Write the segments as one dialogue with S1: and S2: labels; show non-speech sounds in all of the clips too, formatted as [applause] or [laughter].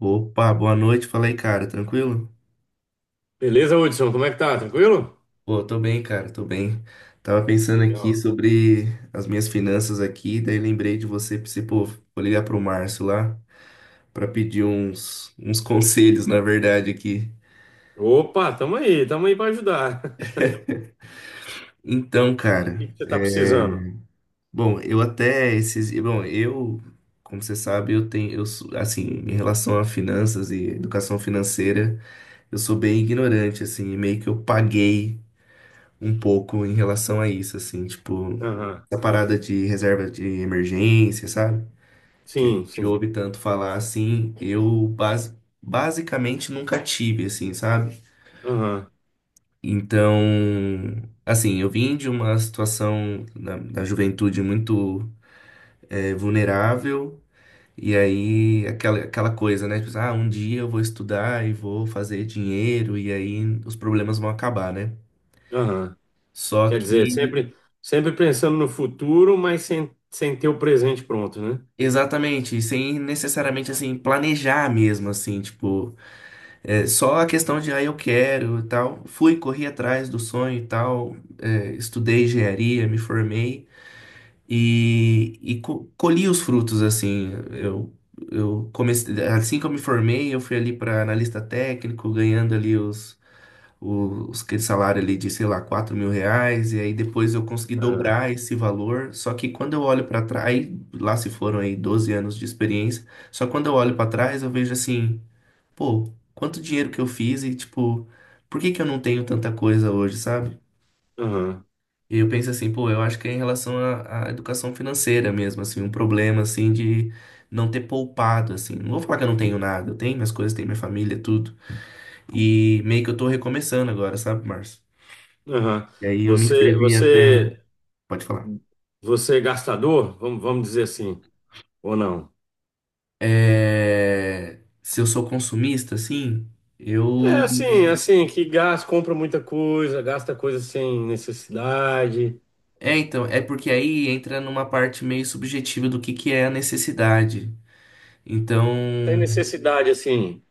S1: Opa, boa noite. Fala aí, cara. Tranquilo?
S2: Beleza, Hudson? Como é que tá? Tranquilo?
S1: Pô, tô bem, cara. Tô bem. Tava pensando aqui
S2: Legal.
S1: sobre as minhas finanças aqui, daí lembrei de você, pensei, pô, vou ligar pro Márcio lá pra pedir uns [laughs] conselhos, na verdade, aqui.
S2: Opa, tamo aí pra ajudar. [laughs]
S1: Então,
S2: O
S1: cara,
S2: que que você tá precisando?
S1: bom, bom, eu, como você sabe, eu tenho, assim, em relação a finanças e educação financeira, eu sou bem ignorante, assim, e meio que eu paguei um pouco em relação a isso, assim, tipo,
S2: Aham.
S1: essa parada de reserva de emergência, sabe? Que a
S2: Sim,
S1: gente
S2: sim.
S1: ouve tanto falar assim, eu basicamente nunca tive, assim, sabe?
S2: Aham,
S1: Então, assim, eu vim de uma situação da juventude muito vulnerável. E aí, aquela coisa, né? Tipo, ah, um dia eu vou estudar e vou fazer dinheiro, e aí os problemas vão acabar, né?
S2: aham.
S1: Só
S2: Quer dizer,
S1: que
S2: sempre pensando no futuro, mas sem ter o presente pronto, né?
S1: exatamente, sem necessariamente assim planejar mesmo assim, tipo, é, só a questão de ah, eu quero e tal. Fui, corri atrás do sonho e tal, é, estudei engenharia, me formei. E colhi os frutos, assim. Eu comecei, assim que eu me formei, eu fui ali para analista técnico, ganhando ali aquele salário ali de, sei lá, R$ 4.000. E aí depois eu consegui
S2: Aham,
S1: dobrar esse valor. Só que quando eu olho para trás, aí lá se foram aí 12 anos de experiência. Só quando eu olho para trás, eu vejo assim, pô, quanto dinheiro que eu fiz e, tipo, por que que eu não tenho tanta coisa hoje, sabe?
S2: aham,
S1: E eu penso assim, pô, eu acho que é em relação à educação financeira mesmo, assim, um problema, assim, de não ter poupado, assim. Não vou falar que eu não tenho nada, eu tenho minhas coisas, tenho minha família, tudo. E meio que eu tô recomeçando agora, sabe, Márcio?
S2: aham.
S1: E aí eu me
S2: Você,
S1: inscrevi até.
S2: você,
S1: Pode falar.
S2: você é gastador? Vamos dizer assim, ou não?
S1: É... Se eu sou consumista, assim,
S2: É
S1: eu.
S2: assim, é assim, que gasta, compra muita coisa, gasta coisa sem necessidade.
S1: É, então, é porque aí entra numa parte meio subjetiva do que é a necessidade. Então.
S2: Sem necessidade, assim.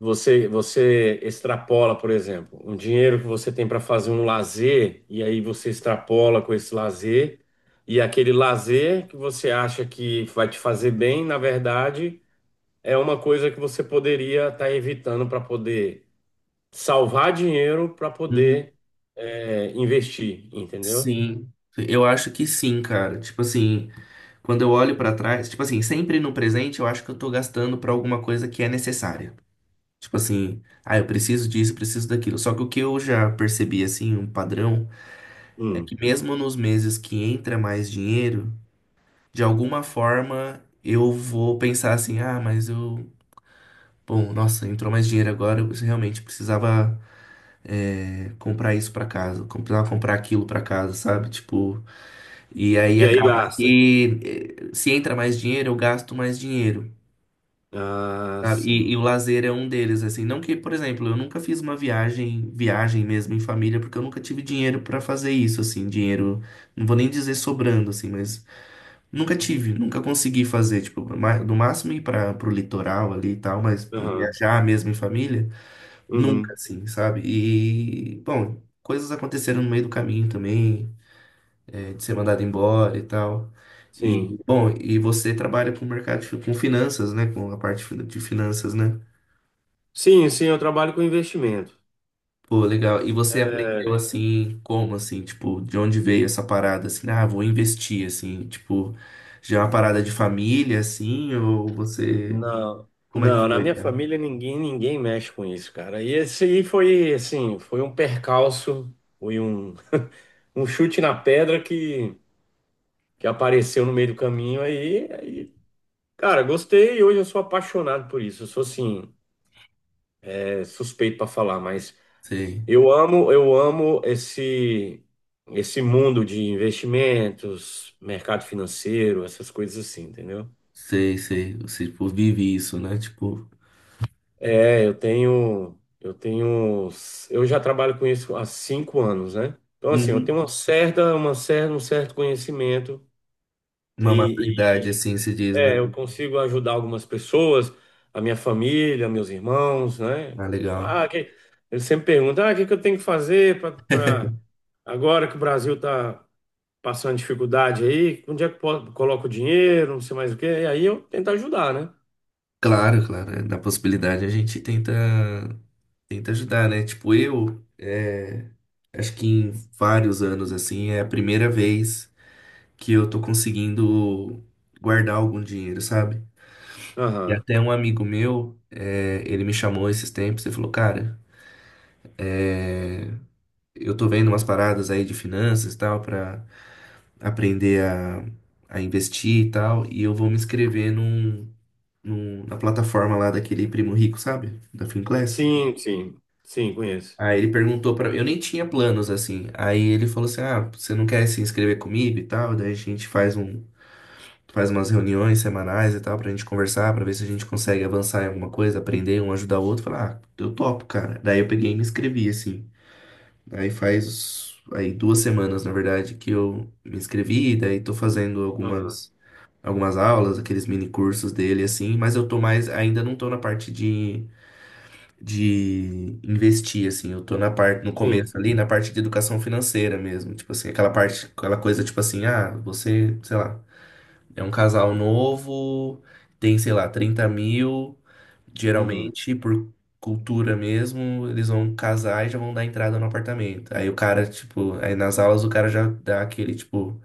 S2: Você extrapola, por exemplo, um dinheiro que você tem para fazer um lazer, e aí você extrapola com esse lazer, e aquele lazer que você acha que vai te fazer bem, na verdade, é uma coisa que você poderia estar evitando para poder salvar dinheiro para
S1: Uhum.
S2: poder investir, entendeu?
S1: Sim. Eu acho que sim, cara. Tipo assim. Quando eu olho pra trás, tipo assim, sempre no presente eu acho que eu tô gastando pra alguma coisa que é necessária. Tipo assim, ah, eu preciso disso, eu preciso daquilo. Só que o que eu já percebi, assim, um padrão, é
S2: Hum.
S1: que mesmo nos meses que entra mais dinheiro, de alguma forma eu vou pensar assim, ah, mas eu. Bom, nossa, entrou mais dinheiro agora, eu realmente precisava comprar isso pra casa, comprar aquilo pra casa, sabe? Tipo, e aí
S2: E aí
S1: acaba
S2: gasta.
S1: que se entra mais dinheiro, eu gasto mais dinheiro.
S2: Ah,
S1: Sabe? E
S2: sim.
S1: o lazer é um deles, assim. Não que, por exemplo, eu nunca fiz uma viagem, viagem mesmo em família, porque eu nunca tive dinheiro pra fazer isso, assim, dinheiro, não vou nem dizer sobrando, assim, mas nunca tive, nunca consegui fazer, tipo, no máximo ir para pro litoral ali e tal, mas tipo,
S2: Aham.
S1: viajar mesmo em família, nunca,
S2: Uhum.
S1: assim, sabe? E, bom, coisas aconteceram no meio do caminho também, é, de ser mandado embora e tal. E,
S2: Sim.
S1: bom, e você trabalha com o mercado, com finanças, né? Com a parte de finanças, né?
S2: Sim, sim, eu trabalho com investimento.
S1: Pô, legal. E você aprendeu
S2: É.
S1: assim, como assim, tipo, de onde veio essa parada assim? Ah, vou investir assim, tipo, já é uma parada de família assim, ou você,
S2: Não,
S1: como é que
S2: não, na
S1: foi,
S2: minha
S1: cara?
S2: família ninguém mexe com isso, cara. E esse aí foi assim, foi um percalço, foi um, [laughs] um chute na pedra que apareceu no meio do caminho aí, cara, gostei e hoje eu sou apaixonado por isso. Eu sou assim, suspeito para falar, mas
S1: Sei,
S2: eu amo esse mundo de investimentos, mercado financeiro, essas coisas assim, entendeu?
S1: sei, sei. Você, tipo, vive isso, né? Tipo,
S2: É, eu tenho, eu tenho, eu já trabalho com isso há 5 anos, né? Então, assim, eu tenho
S1: uhum.
S2: um certo conhecimento,
S1: Uma maturidade
S2: e, e,
S1: assim se diz, né?
S2: é, eu consigo ajudar algumas pessoas, a minha família, meus irmãos, né?
S1: Ah, legal.
S2: Ah, eles sempre perguntam, o que que eu tenho que fazer para agora que o Brasil tá passando dificuldade aí, onde é que eu coloco o dinheiro, não sei mais o quê, e aí eu tento ajudar, né?
S1: Claro, claro. Na possibilidade a gente tenta, tenta ajudar, né? Tipo, eu, acho que em vários anos assim, é a primeira vez que eu tô conseguindo guardar algum dinheiro, sabe? E
S2: Aham.
S1: até um amigo meu, ele me chamou esses tempos e falou, cara, eu tô vendo umas paradas aí de finanças e tal, pra aprender a investir e tal, e eu vou me inscrever na plataforma lá daquele primo rico, sabe? Da Finclass.
S2: Sim, sim, sim, conheço.
S1: Aí ele perguntou pra mim, eu nem tinha planos assim. Aí ele falou assim: "Ah, você não quer se inscrever comigo e tal? Daí a gente faz um, faz umas reuniões semanais e tal, pra gente conversar, pra ver se a gente consegue avançar em alguma coisa, aprender, um ajudar o outro. Falar, ah, eu topo, cara. Daí eu peguei e me inscrevi, assim. Aí faz, aí duas semanas, na verdade, que eu me inscrevi, daí tô fazendo algumas aulas, aqueles mini cursos dele, assim, mas eu tô mais, ainda não tô na parte de. De investir, assim, eu tô na parte, no
S2: Sim.
S1: começo ali, na parte de educação financeira mesmo, tipo assim, aquela parte, aquela coisa, tipo assim, ah, você, sei lá. É um casal novo, tem, sei lá, 30 mil.
S2: Uhum.
S1: Geralmente, por cultura mesmo, eles vão casar e já vão dar entrada no apartamento. Aí o cara, tipo, aí nas aulas o cara já dá aquele, tipo,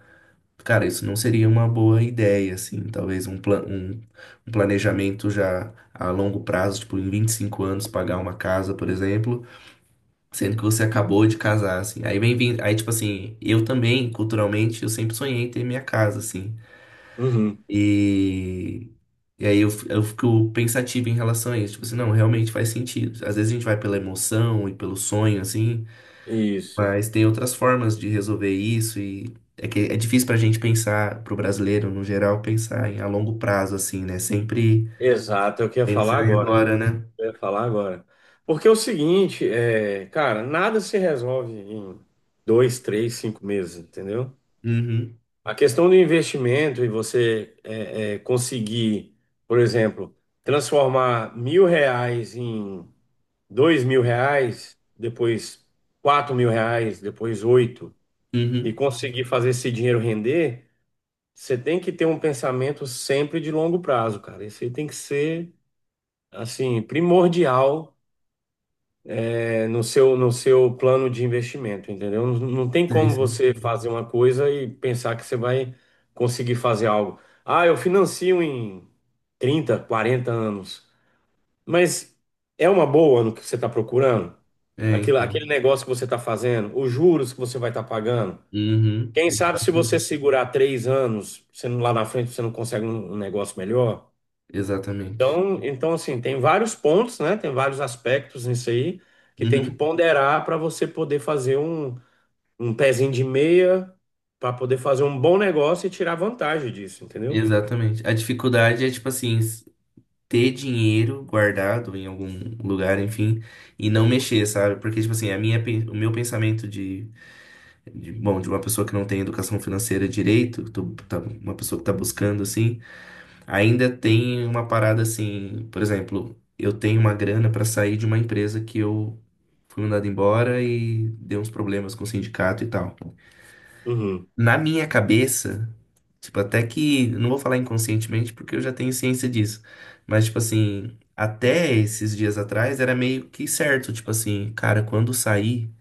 S1: cara, isso não seria uma boa ideia, assim, talvez um, um planejamento já a longo prazo, tipo, em 25 anos pagar uma casa, por exemplo, sendo que você acabou de casar, assim. Aí vem, vem aí, tipo assim, eu também, culturalmente, eu sempre sonhei em ter minha casa, assim.
S2: Uhum.
S1: E, e aí eu fico pensativo em relação a isso. Tipo assim, não, realmente faz sentido. Às vezes a gente vai pela emoção e pelo sonho, assim,
S2: Isso.
S1: mas tem outras formas de resolver isso. E é que é difícil pra gente pensar, pro brasileiro no geral, pensar em a longo prazo, assim, né? Sempre
S2: Exato, é o que eu ia
S1: pensar
S2: falar
S1: em
S2: agora.
S1: agora, né?
S2: Eu ia falar agora. Porque é o seguinte, cara, nada se resolve em 2, 3, 5 meses, entendeu?
S1: Uhum,
S2: A questão do investimento e você conseguir, por exemplo, transformar R$ 1.000 em R$ 2.000, depois R$ 4.000, depois oito, e
S1: uhum.
S2: conseguir fazer esse dinheiro render. Você tem que ter um pensamento sempre de longo prazo, cara. Isso aí tem que ser, assim, primordial, no seu plano de investimento, entendeu? Não, não tem
S1: Sei,
S2: como
S1: sei.
S2: você fazer uma coisa e pensar que você vai conseguir fazer algo. Ah, eu financio em 30, 40 anos. Mas é uma boa no que você está procurando?
S1: É,
S2: Aquilo,
S1: então.
S2: aquele negócio que você está fazendo, os juros que você vai estar pagando.
S1: Uhum,
S2: Quem sabe se você
S1: exatamente.
S2: segurar 3 anos, você não- lá na frente você não consegue um negócio melhor?
S1: Exatamente.
S2: Então, assim, tem vários pontos, né? Tem vários aspectos nisso aí que tem que
S1: Uhum,
S2: ponderar para você poder fazer um pezinho de meia, para poder fazer um bom negócio e tirar vantagem disso, entendeu?
S1: exatamente. A dificuldade é tipo assim. Ter dinheiro guardado em algum lugar, enfim, e não mexer, sabe? Porque, tipo assim, a minha, o meu pensamento de uma pessoa que não tem educação financeira direito, uma pessoa que tá buscando, assim, ainda tem uma parada assim, por exemplo, eu tenho uma grana para sair de uma empresa que eu fui mandado embora e deu uns problemas com o sindicato e tal.
S2: Uhum,
S1: Na minha cabeça, tipo, até que, não vou falar inconscientemente porque eu já tenho ciência disso, mas tipo assim, até esses dias atrás era meio que certo, tipo assim, cara, quando sair,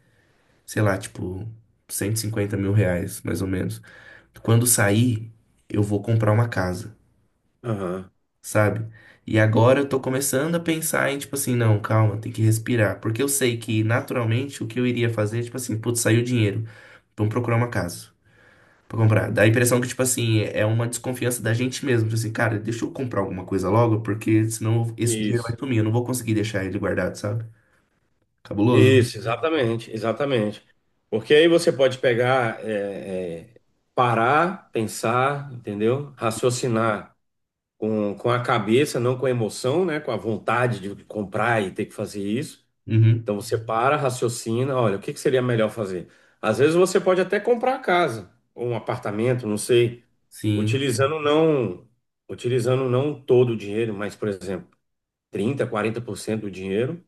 S1: sei lá, tipo, R$ 150.000, mais ou menos, quando sair, eu vou comprar uma casa,
S2: aham.
S1: sabe? E agora eu tô começando a pensar em, tipo assim, não, calma, tem que respirar, porque eu sei que naturalmente o que eu iria fazer, tipo assim, putz, saiu o dinheiro, vamos procurar uma casa. Pra comprar. Dá a impressão que, tipo assim, é uma desconfiança da gente mesmo. Tipo assim, cara, deixa eu comprar alguma coisa logo, porque senão esse dinheiro vai
S2: Isso.
S1: sumir. Eu não vou conseguir deixar ele guardado, sabe? Cabuloso.
S2: Isso, exatamente, exatamente. Porque aí você pode pegar, parar, pensar, entendeu? Raciocinar com a cabeça, não com a emoção, né? Com a vontade de comprar e ter que fazer isso.
S1: Uhum.
S2: Então você para, raciocina, olha, o que que seria melhor fazer? Às vezes você pode até comprar a casa, ou um apartamento, não sei,
S1: Sim,
S2: utilizando não, utilizando não todo o dinheiro, mas, por exemplo, 30, 40% do dinheiro.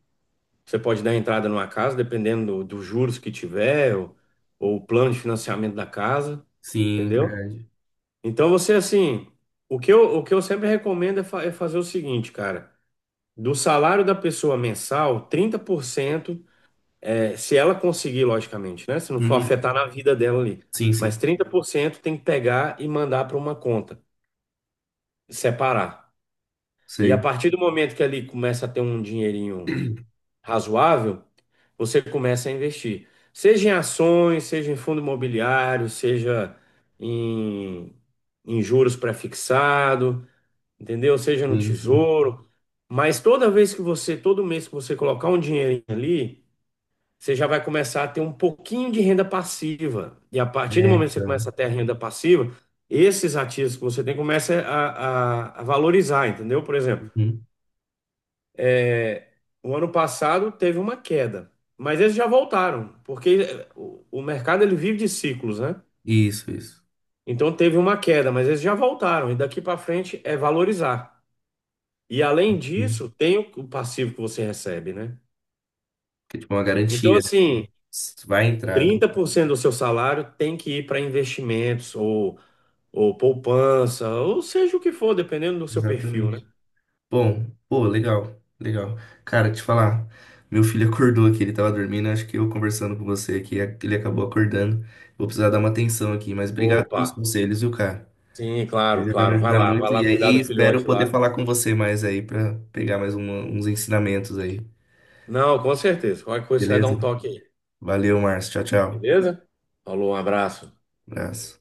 S2: Você pode dar entrada numa casa, dependendo dos juros que tiver, ou o plano de financiamento da casa,
S1: sim,
S2: entendeu?
S1: verdade.
S2: Então você assim, o que eu sempre recomendo é é fazer o seguinte, cara, do salário da pessoa mensal, 30% se ela conseguir, logicamente, né? Se não for
S1: Uhum.
S2: afetar na vida dela ali.
S1: Sim,
S2: Mas
S1: sim.
S2: 30% tem que pegar e mandar para uma conta, separar. E a
S1: Sei.
S2: partir do momento que ali começa a ter um dinheirinho razoável, você começa a investir. Seja em ações, seja em fundo imobiliário, seja em, em juros pré-fixado, entendeu? Seja no
S1: Sim, sim.
S2: tesouro. Mas toda vez que você, todo mês que você colocar um dinheirinho ali, você já vai começar a ter um pouquinho de renda passiva. E a partir do
S1: É,
S2: momento que você começa
S1: então.
S2: a ter a renda passiva, esses ativos que você tem começa a valorizar, entendeu? Por exemplo,
S1: Uhum.
S2: é, o ano passado teve uma queda, mas eles já voltaram, porque o mercado ele vive de ciclos, né?
S1: Isso, isso.
S2: Então teve uma queda, mas eles já voltaram, e daqui para frente é valorizar. E além
S1: Uhum.
S2: disso, tem o passivo que você recebe, né?
S1: Que é tipo uma
S2: Então,
S1: garantia, né?
S2: assim,
S1: Vai entrar, né?
S2: 30% do seu salário tem que ir para investimentos ou poupança, ou seja o que for, dependendo do seu perfil, né?
S1: Exatamente. Bom, pô, legal, legal. Cara, te falar, meu filho acordou aqui, ele tava dormindo, acho que eu conversando com você aqui, ele acabou acordando. Vou precisar dar uma atenção aqui, mas obrigado
S2: Opa,
S1: pelos conselhos, viu, cara?
S2: sim,
S1: Você
S2: claro,
S1: já vai me
S2: claro.
S1: ajudar
S2: Vai
S1: muito
S2: lá
S1: e
S2: cuidar
S1: aí
S2: do
S1: espero
S2: filhote
S1: poder
S2: lá.
S1: falar com você mais aí pra pegar mais uns ensinamentos aí.
S2: Não, com certeza. Qualquer coisa, você vai dar
S1: Beleza?
S2: um toque aí,
S1: Valeu, Márcio. Tchau, tchau.
S2: beleza? Falou, um abraço.
S1: Abraço.